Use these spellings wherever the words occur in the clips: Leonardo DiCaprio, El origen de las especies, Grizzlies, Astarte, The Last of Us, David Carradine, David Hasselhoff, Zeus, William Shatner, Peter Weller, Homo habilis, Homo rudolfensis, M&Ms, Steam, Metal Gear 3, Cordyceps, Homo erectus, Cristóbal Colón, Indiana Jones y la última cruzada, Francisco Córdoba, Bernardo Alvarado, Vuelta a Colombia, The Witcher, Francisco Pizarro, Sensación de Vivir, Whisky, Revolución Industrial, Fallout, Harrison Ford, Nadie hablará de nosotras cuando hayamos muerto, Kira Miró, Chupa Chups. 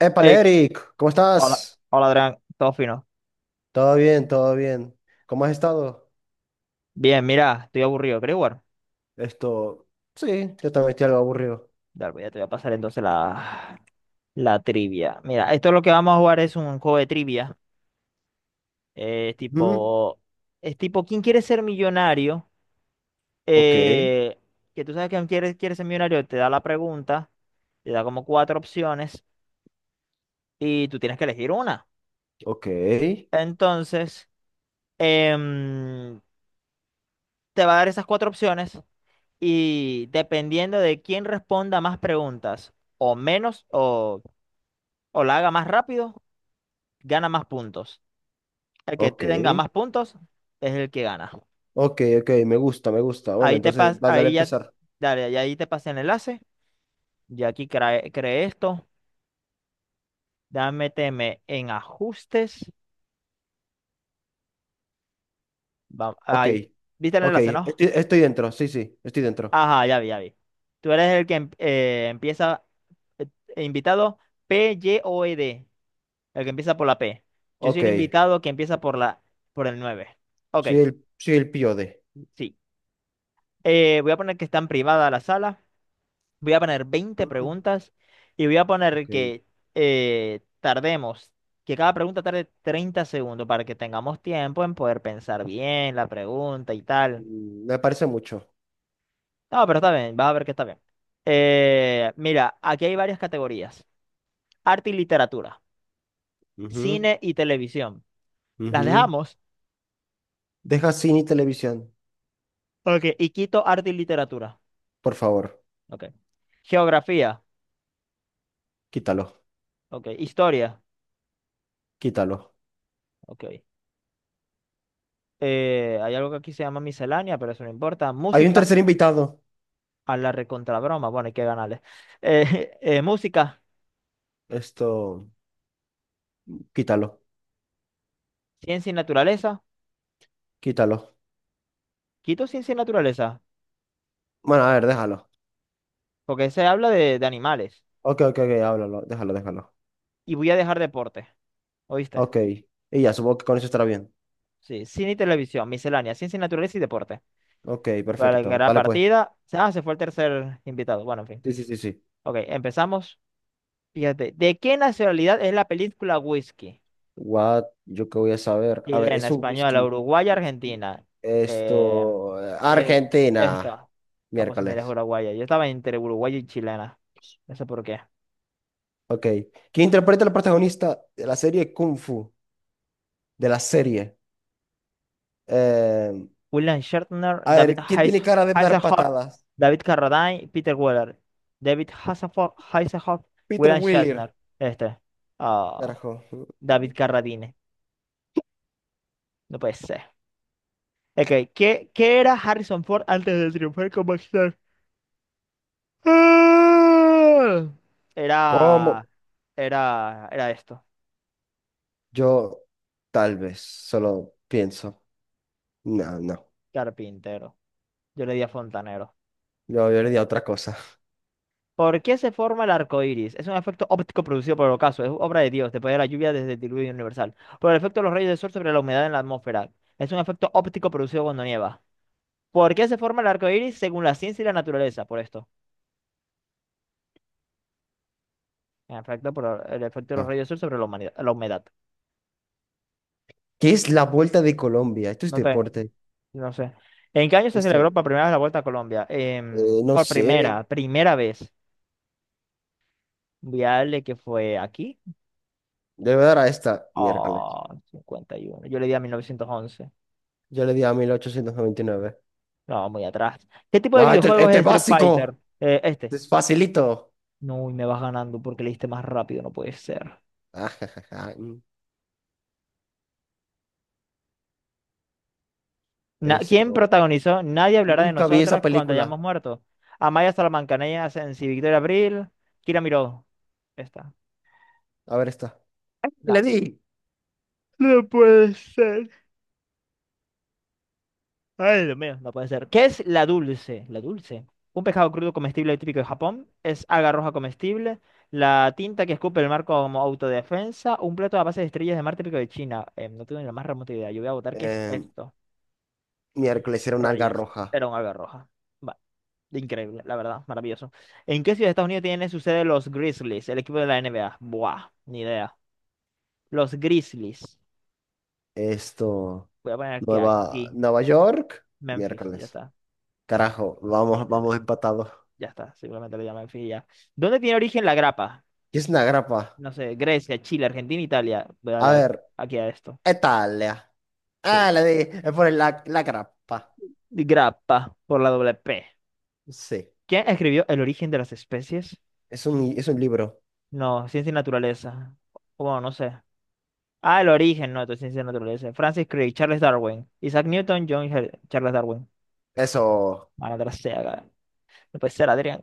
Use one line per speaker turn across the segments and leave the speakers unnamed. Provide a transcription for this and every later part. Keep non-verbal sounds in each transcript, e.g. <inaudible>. Épale,
Hey,
Eric, ¿cómo
hola,
estás?
hola Adrián, todo fino.
Todo bien, todo bien. ¿Cómo has estado?
Bien, mira, estoy aburrido, ¿querés jugar?
Esto, sí, yo también estoy algo aburrido.
Dale, pues ya te voy a pasar entonces la trivia. Mira, esto es lo que vamos a jugar es un juego de trivia. eh,
Ujú.
tipo, es tipo, ¿quién quiere ser millonario?
Ok,
Eh, que tú sabes que quiere ser millonario, te da la pregunta, te da como cuatro opciones y tú tienes que elegir una.
ok,
Entonces, em, te va a dar esas cuatro opciones y dependiendo de quién responda más preguntas o menos o la haga más rápido, gana más puntos. El que
ok,
tenga más puntos es el que gana.
ok, ok, me gusta, me gusta. Bueno,
Ahí te
entonces,
pas,
dale a
ahí ya, te-
empezar.
Dale, y ahí te pasé el enlace. Y aquí creé, esto. Dame, méteme en ajustes.
Ok,
Ahí, ¿viste el
ok,
enlace,
estoy,
no?
estoy dentro, sí, sí, estoy dentro.
Ajá, ya vi, ya vi. Tú eres el que empieza invitado P-Y-O-E-D. El que empieza por la P. Yo soy
Ok,
el invitado que empieza por el 9. Ok,
soy el pío de.
sí. Voy a poner que está en privada la sala. Voy a poner veinte
Ujú.
preguntas y voy a
Ok,
poner que tardemos, que cada pregunta tarde 30 segundos para que tengamos tiempo en poder pensar bien la pregunta y tal.
mm, me parece mucho.
No, pero está bien, vas a ver que está bien. Mira, aquí hay varias categorías. Arte y literatura,
Ujú,
cine y televisión. ¿Las
ujú.
dejamos?
Deja cine y televisión,
Ok, y quito arte y literatura.
por favor,
Ok. Geografía.
quítalo,
Ok. Historia.
quítalo.
Ok. Hay algo que aquí se llama miscelánea, pero eso no importa.
Hay un
Música.
tercer invitado.
A la recontrabroma. Bueno, hay que ganarle. <laughs> Música.
Esto, Quítalo,
Ciencia y naturaleza.
quítalo.
Quito ciencia y naturaleza.
Bueno, a ver, déjalo.
Porque se habla de animales.
Ok, ok, ok, háblalo, déjalo, déjalo.
Y voy a dejar deporte. ¿Oíste?
Ok. Y ya, supongo que con eso estará bien.
Sí. Cine y televisión. Miscelánea. Ciencia y naturaleza y deporte.
Ok,
Para que
perfecto.
la
Vale, pues.
partida. Ah, se fue el tercer invitado. Bueno, en fin.
Sí, sí, sí, sí.
Ok. Empezamos. Fíjate. ¿De qué nacionalidad es la película Whisky?
What, yo qué voy a saber. A ver,
Chilena,
es un
española,
whisky.
uruguaya,
Whisky.
argentina. Eh, eh,
Argentina.
esta. Ah, pues mira, es
Miércoles.
uruguaya. Yo estaba entre uruguaya y chilena. No sé por qué.
Ok. ¿Quién interpreta al protagonista de la serie Kung Fu? De la serie. Eh,
William Shatner,
a ver, ¿quién tiene cara de dar
Hasselhoff,
patadas?
David Carradine, Peter Weller. David Hasselhoff,
Peter
William
Wheeler.
Shatner. Este. Ah,
Carajo.
David Carradine. No puede ser. Ok, ¿qué era Harrison Ford antes de triunfar como actor? Ah.
¿Cómo?
Era, era esto.
Yo tal vez solo pienso, no, no,
Carpintero. Yo le di a fontanero.
yo le di a otra cosa. <laughs>
¿Por qué se forma el arco iris? Es un efecto óptico producido por el ocaso. Es obra de Dios, después de la lluvia desde el diluvio universal. Por el efecto de los rayos del sol sobre la humedad en la atmósfera. Es un efecto óptico producido cuando nieva. ¿Por qué se forma el arco iris según la ciencia y la naturaleza? Por esto. En efecto, por el efecto de los
No.
rayos del sol sobre la la humedad.
¿Qué es la Vuelta de Colombia? Esto es
No te,
deporte.
no sé. ¿En qué año se
Esto,
celebró por primera vez la Vuelta a Colombia?
no sé.
Primera vez. Voy a darle que fue aquí.
Le voy a dar a esta miércoles.
Oh, 51. Yo le di a 1911.
Yo le di a mil ochocientos noventa y nueve.
No, muy atrás. ¿Qué tipo de
Ah, este,
videojuegos
este
es
es
Street Fighter?
básico. Este
Este.
es facilito. <laughs>
No, y me vas ganando porque le diste más rápido, no puede ser.
Ah, ja, ja, ja. Mm.
¿Quién
Esto,
protagonizó? Nadie hablará de
Nunca vi esa
nosotras cuando hayamos
película.
muerto. Amaya Salamancaneas, Sensi, Victoria Abril, Kira Miró. Esta.
A ver esta. Y le
No.
di.
No puede ser. Ay, Dios mío, no puede ser. ¿Qué es la dulce? La dulce. Un pescado crudo comestible típico de Japón. Es alga roja comestible. La tinta que escupe el mar como autodefensa. Un plato a base de estrellas de mar típico de China. No tengo ni la más remota idea. Yo voy a votar que es
Eh,
esto.
miércoles era una alga
Rayos.
roja.
Era un alga roja. Va, increíble, la verdad. Maravilloso. ¿En qué ciudad de Estados Unidos tiene su sede los Grizzlies? El equipo de la NBA. Buah, ni idea. Los Grizzlies.
Esto,
Voy a poner que
Nueva,
aquí.
Nueva York,
Memphis, ya
miércoles.
está.
Carajo, vamos, vamos empatados.
Ya está, seguramente lo llaman fin y ya. ¿Dónde tiene origen la grapa?
¿Qué es una grapa?
No sé, Grecia, Chile, Argentina, Italia. Voy a
A ver,
aquí a esto.
Italia.
Sí.
Ah, le di, es por la grapa.
Grapa, por la doble P.
Sí,
¿Quién escribió El origen de las especies?
es un libro.
No, Ciencia y Naturaleza. Bueno, no sé. Ah, El origen, no, esto es Ciencia y Naturaleza. Francis Crick, Charles Darwin, Isaac Newton, Charles Darwin.
Eso.
Madre sea, ga- no puede ser, Adrián.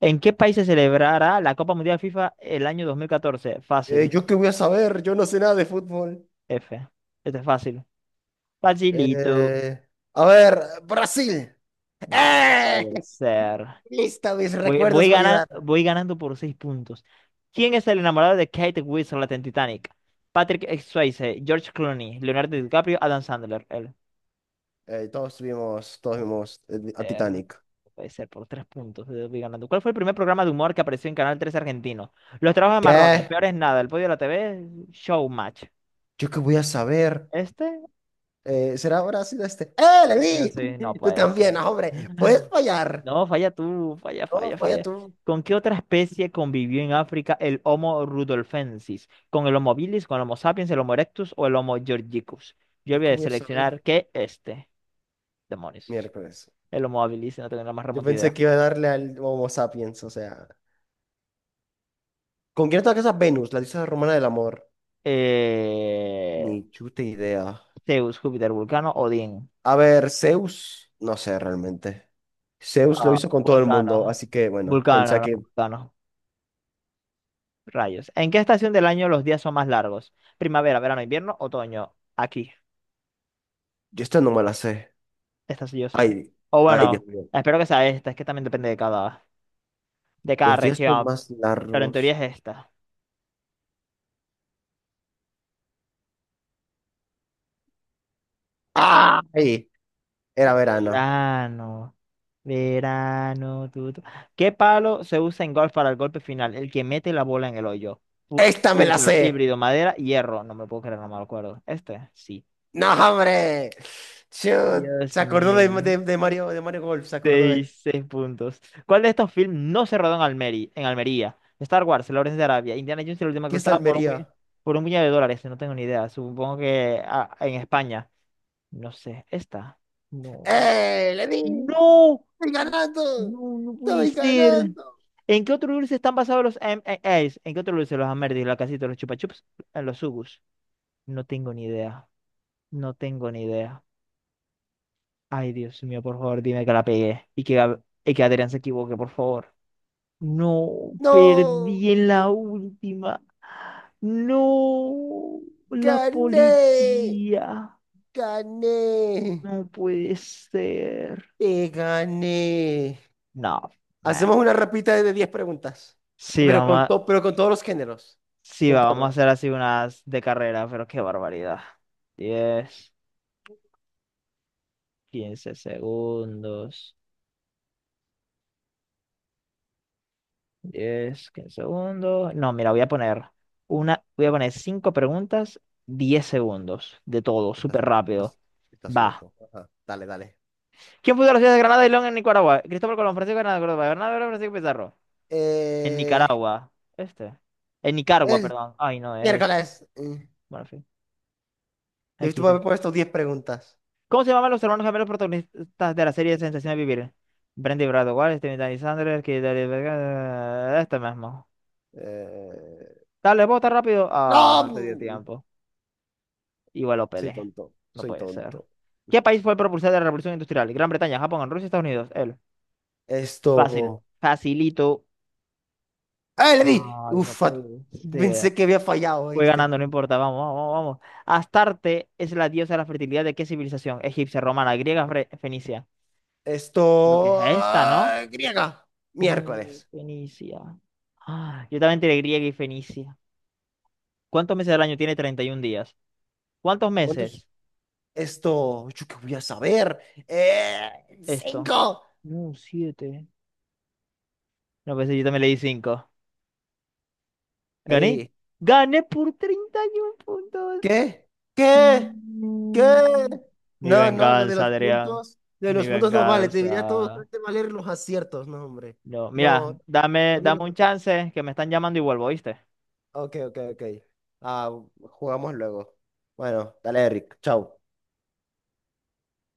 ¿En qué país se celebrará la Copa Mundial FIFA el año 2014? Fácil,
¿Yo qué voy a saber? Yo no sé nada de fútbol.
F. Este es fácil. Facilito.
Eh, a ver, Brasil.
No
¡Eh!
puede ser.
<laughs> Listo, mis recuerdos me ayudaron.
Voy ganando por 6 puntos. ¿Quién es el enamorado de Kate Winslet en Titanic? Patrick Swayze, George Clooney, Leonardo DiCaprio, Adam Sandler. El
Todos vimos a
ser. No
Titanic.
Puede ser por 3 puntos. Voy ganando. ¿Cuál fue el primer programa de humor que apareció en Canal 3 argentino? Los trabajos de marrones,
¿Qué?
peor es nada, el podio de la TV, Showmatch.
¿Yo qué voy a saber?
¿Este?
¿Será Brasil este? ¡Eh, le
Sí, no
di! <laughs> Tú
puede
también,
ser.
ah, hombre. Puedes fallar.
No, falla tú, falla,
No,
falla,
falla
falla.
tú.
¿Con qué otra especie convivió en África el Homo rudolfensis? ¿Con el Homo habilis, con el Homo sapiens, el Homo erectus o el Homo georgicus? Yo
¿Yo
voy
qué
a
voy a saber?
seleccionar que este, demonios,
Miércoles.
el Homo habilis, si no tengo la más
Yo
remota
pensé
idea.
que iba a darle al Homo sapiens, o sea. ¿Con quién está casada Venus, la diosa romana del amor? Ni
Eh,
chuta idea.
Zeus, Júpiter, Vulcano, Odín.
A ver, Zeus, no sé realmente. Zeus lo
Ah,
hizo con todo el mundo,
Vulcano.
así que bueno, pensé
Vulcano, no,
que
Vulcano. Rayos. ¿En qué estación del año los días son más largos? Primavera, verano, invierno, otoño. Aquí.
yo esta no me la sé.
Esta sí o sí.
Ay,
O
ay, Dios
bueno,
mío.
espero que sea esta, es que también depende de cada
Los días son
región,
más
pero en teoría
largos.
es esta.
¡Ay! Era verano.
Verano, verano, tu, tu. ¿Qué palo se usa en golf para el golpe final? El que mete la bola en el hoyo. Fu-
¡Esta me la
Pewter,
sé!
híbrido, madera, hierro. No me lo puedo creer, no me lo acuerdo. ¿Este? Sí.
¡No, hombre! Chut, se
Dios
acordó
mío.
de Mario Golf, se acordó de...
Seis puntos. ¿Cuál de estos films no se rodó en Almería? ¿En Almería? Star Wars, El Lawrence de Arabia, Indiana Jones y la última
¿Qué es
cruzada,
Almería?
por un puñado de dólares. No tengo ni idea. Supongo que ah, en España. No sé. Esta. No.
¡Eh! ¡Le di!
¡No!
¡Estoy ganando!
No, no puede
¡Estoy
ser.
ganando!
¿En qué otro dulce están basados los M M&As? ¿En qué otro dulce? Los Amerdis, la casita, los Chupa Chups, los Sugus. No tengo ni idea. No tengo ni idea. Ay, Dios mío, por favor, dime que la pegué. Y que, y que Adrián se equivoque, por favor. No,
¡No!
perdí en la última. No, la
¡Gané!
policía.
¡Gané!
No puede ser.
¡Te gané!
No, man.
Hacemos una rapita de diez preguntas.
Sí,
Pero pero con todos los géneros.
sí,
Con
va, vamos a
todos.
hacer así unas de carrera, pero qué barbaridad. 10, 15 segundos. 10, 15 segundos. No, mira, voy a poner voy a poner 5 preguntas, 10 segundos de todo,
Estás,
súper rápido.
estás, estás
Va.
loco. Ajá. Dale, dale.
¿Quién fundó la ciudad de Granada y León en Nicaragua? Cristóbal Colón, Francisco Granada, Córdoba, Bernardo Alvarado, Francisco Pizarro. En
Eh,
Nicaragua. Este. En Nicaragua,
el
perdón. Ay, no, es.
miércoles.
Bueno, en fin.
Debiste
XD.
haber puesto 10 preguntas.
¿Cómo se llamaban los hermanos gemelos protagonistas de la serie Sensación de Vivir? Brandy Brad Steven Danny Sanders, que este mismo.
Eh,
Dale, vota rápido. Ah, no te dio
no.
tiempo. Igual lo
Soy
peleé.
tonto.
No
Soy
puede ser.
tonto.
¿Qué país fue el propulsor de la Revolución Industrial? Gran Bretaña, Japón, Rusia, Estados Unidos. Él. Fácil.
Esto.
Facilito.
¡Ah, le di!
Ay, no
Uf,
puede
pensé
ser.
que había fallado,
Voy
¿viste?
ganando, no importa, vamos, vamos, vamos. ¿Astarte es la diosa de la fertilidad de qué civilización? Egipcia, romana, griega, fenicia. Creo que es
Esto.
esta, ¿no?
Griega.
No,
Miércoles.
fenicia. Ah, yo también tiré griega y fenicia. ¿Cuántos meses del año tiene 31 días? ¿Cuántos
¿Cuántos?
meses?
Esto. ¿Yo qué voy a saber? Eh,
Esto.
Cinco.
No, 7. No, pensé, yo también le di 5. ¿Gané?
Ari,
Gané por 31 puntos.
¿qué? ¿Qué?
Mm.
¿Qué?
Mi
No, no, lo de
venganza,
los
Adrián.
puntos. Lo de
Mi
los puntos no vale. Te diría todo.
venganza.
Trate de valer los aciertos, no, hombre.
Yo, mira,
No, para mí
dame
no
un
cuento.
chance que me están llamando y vuelvo, ¿viste?
Ok, ok, ok. Ah, jugamos luego. Bueno, dale, Eric. Chao.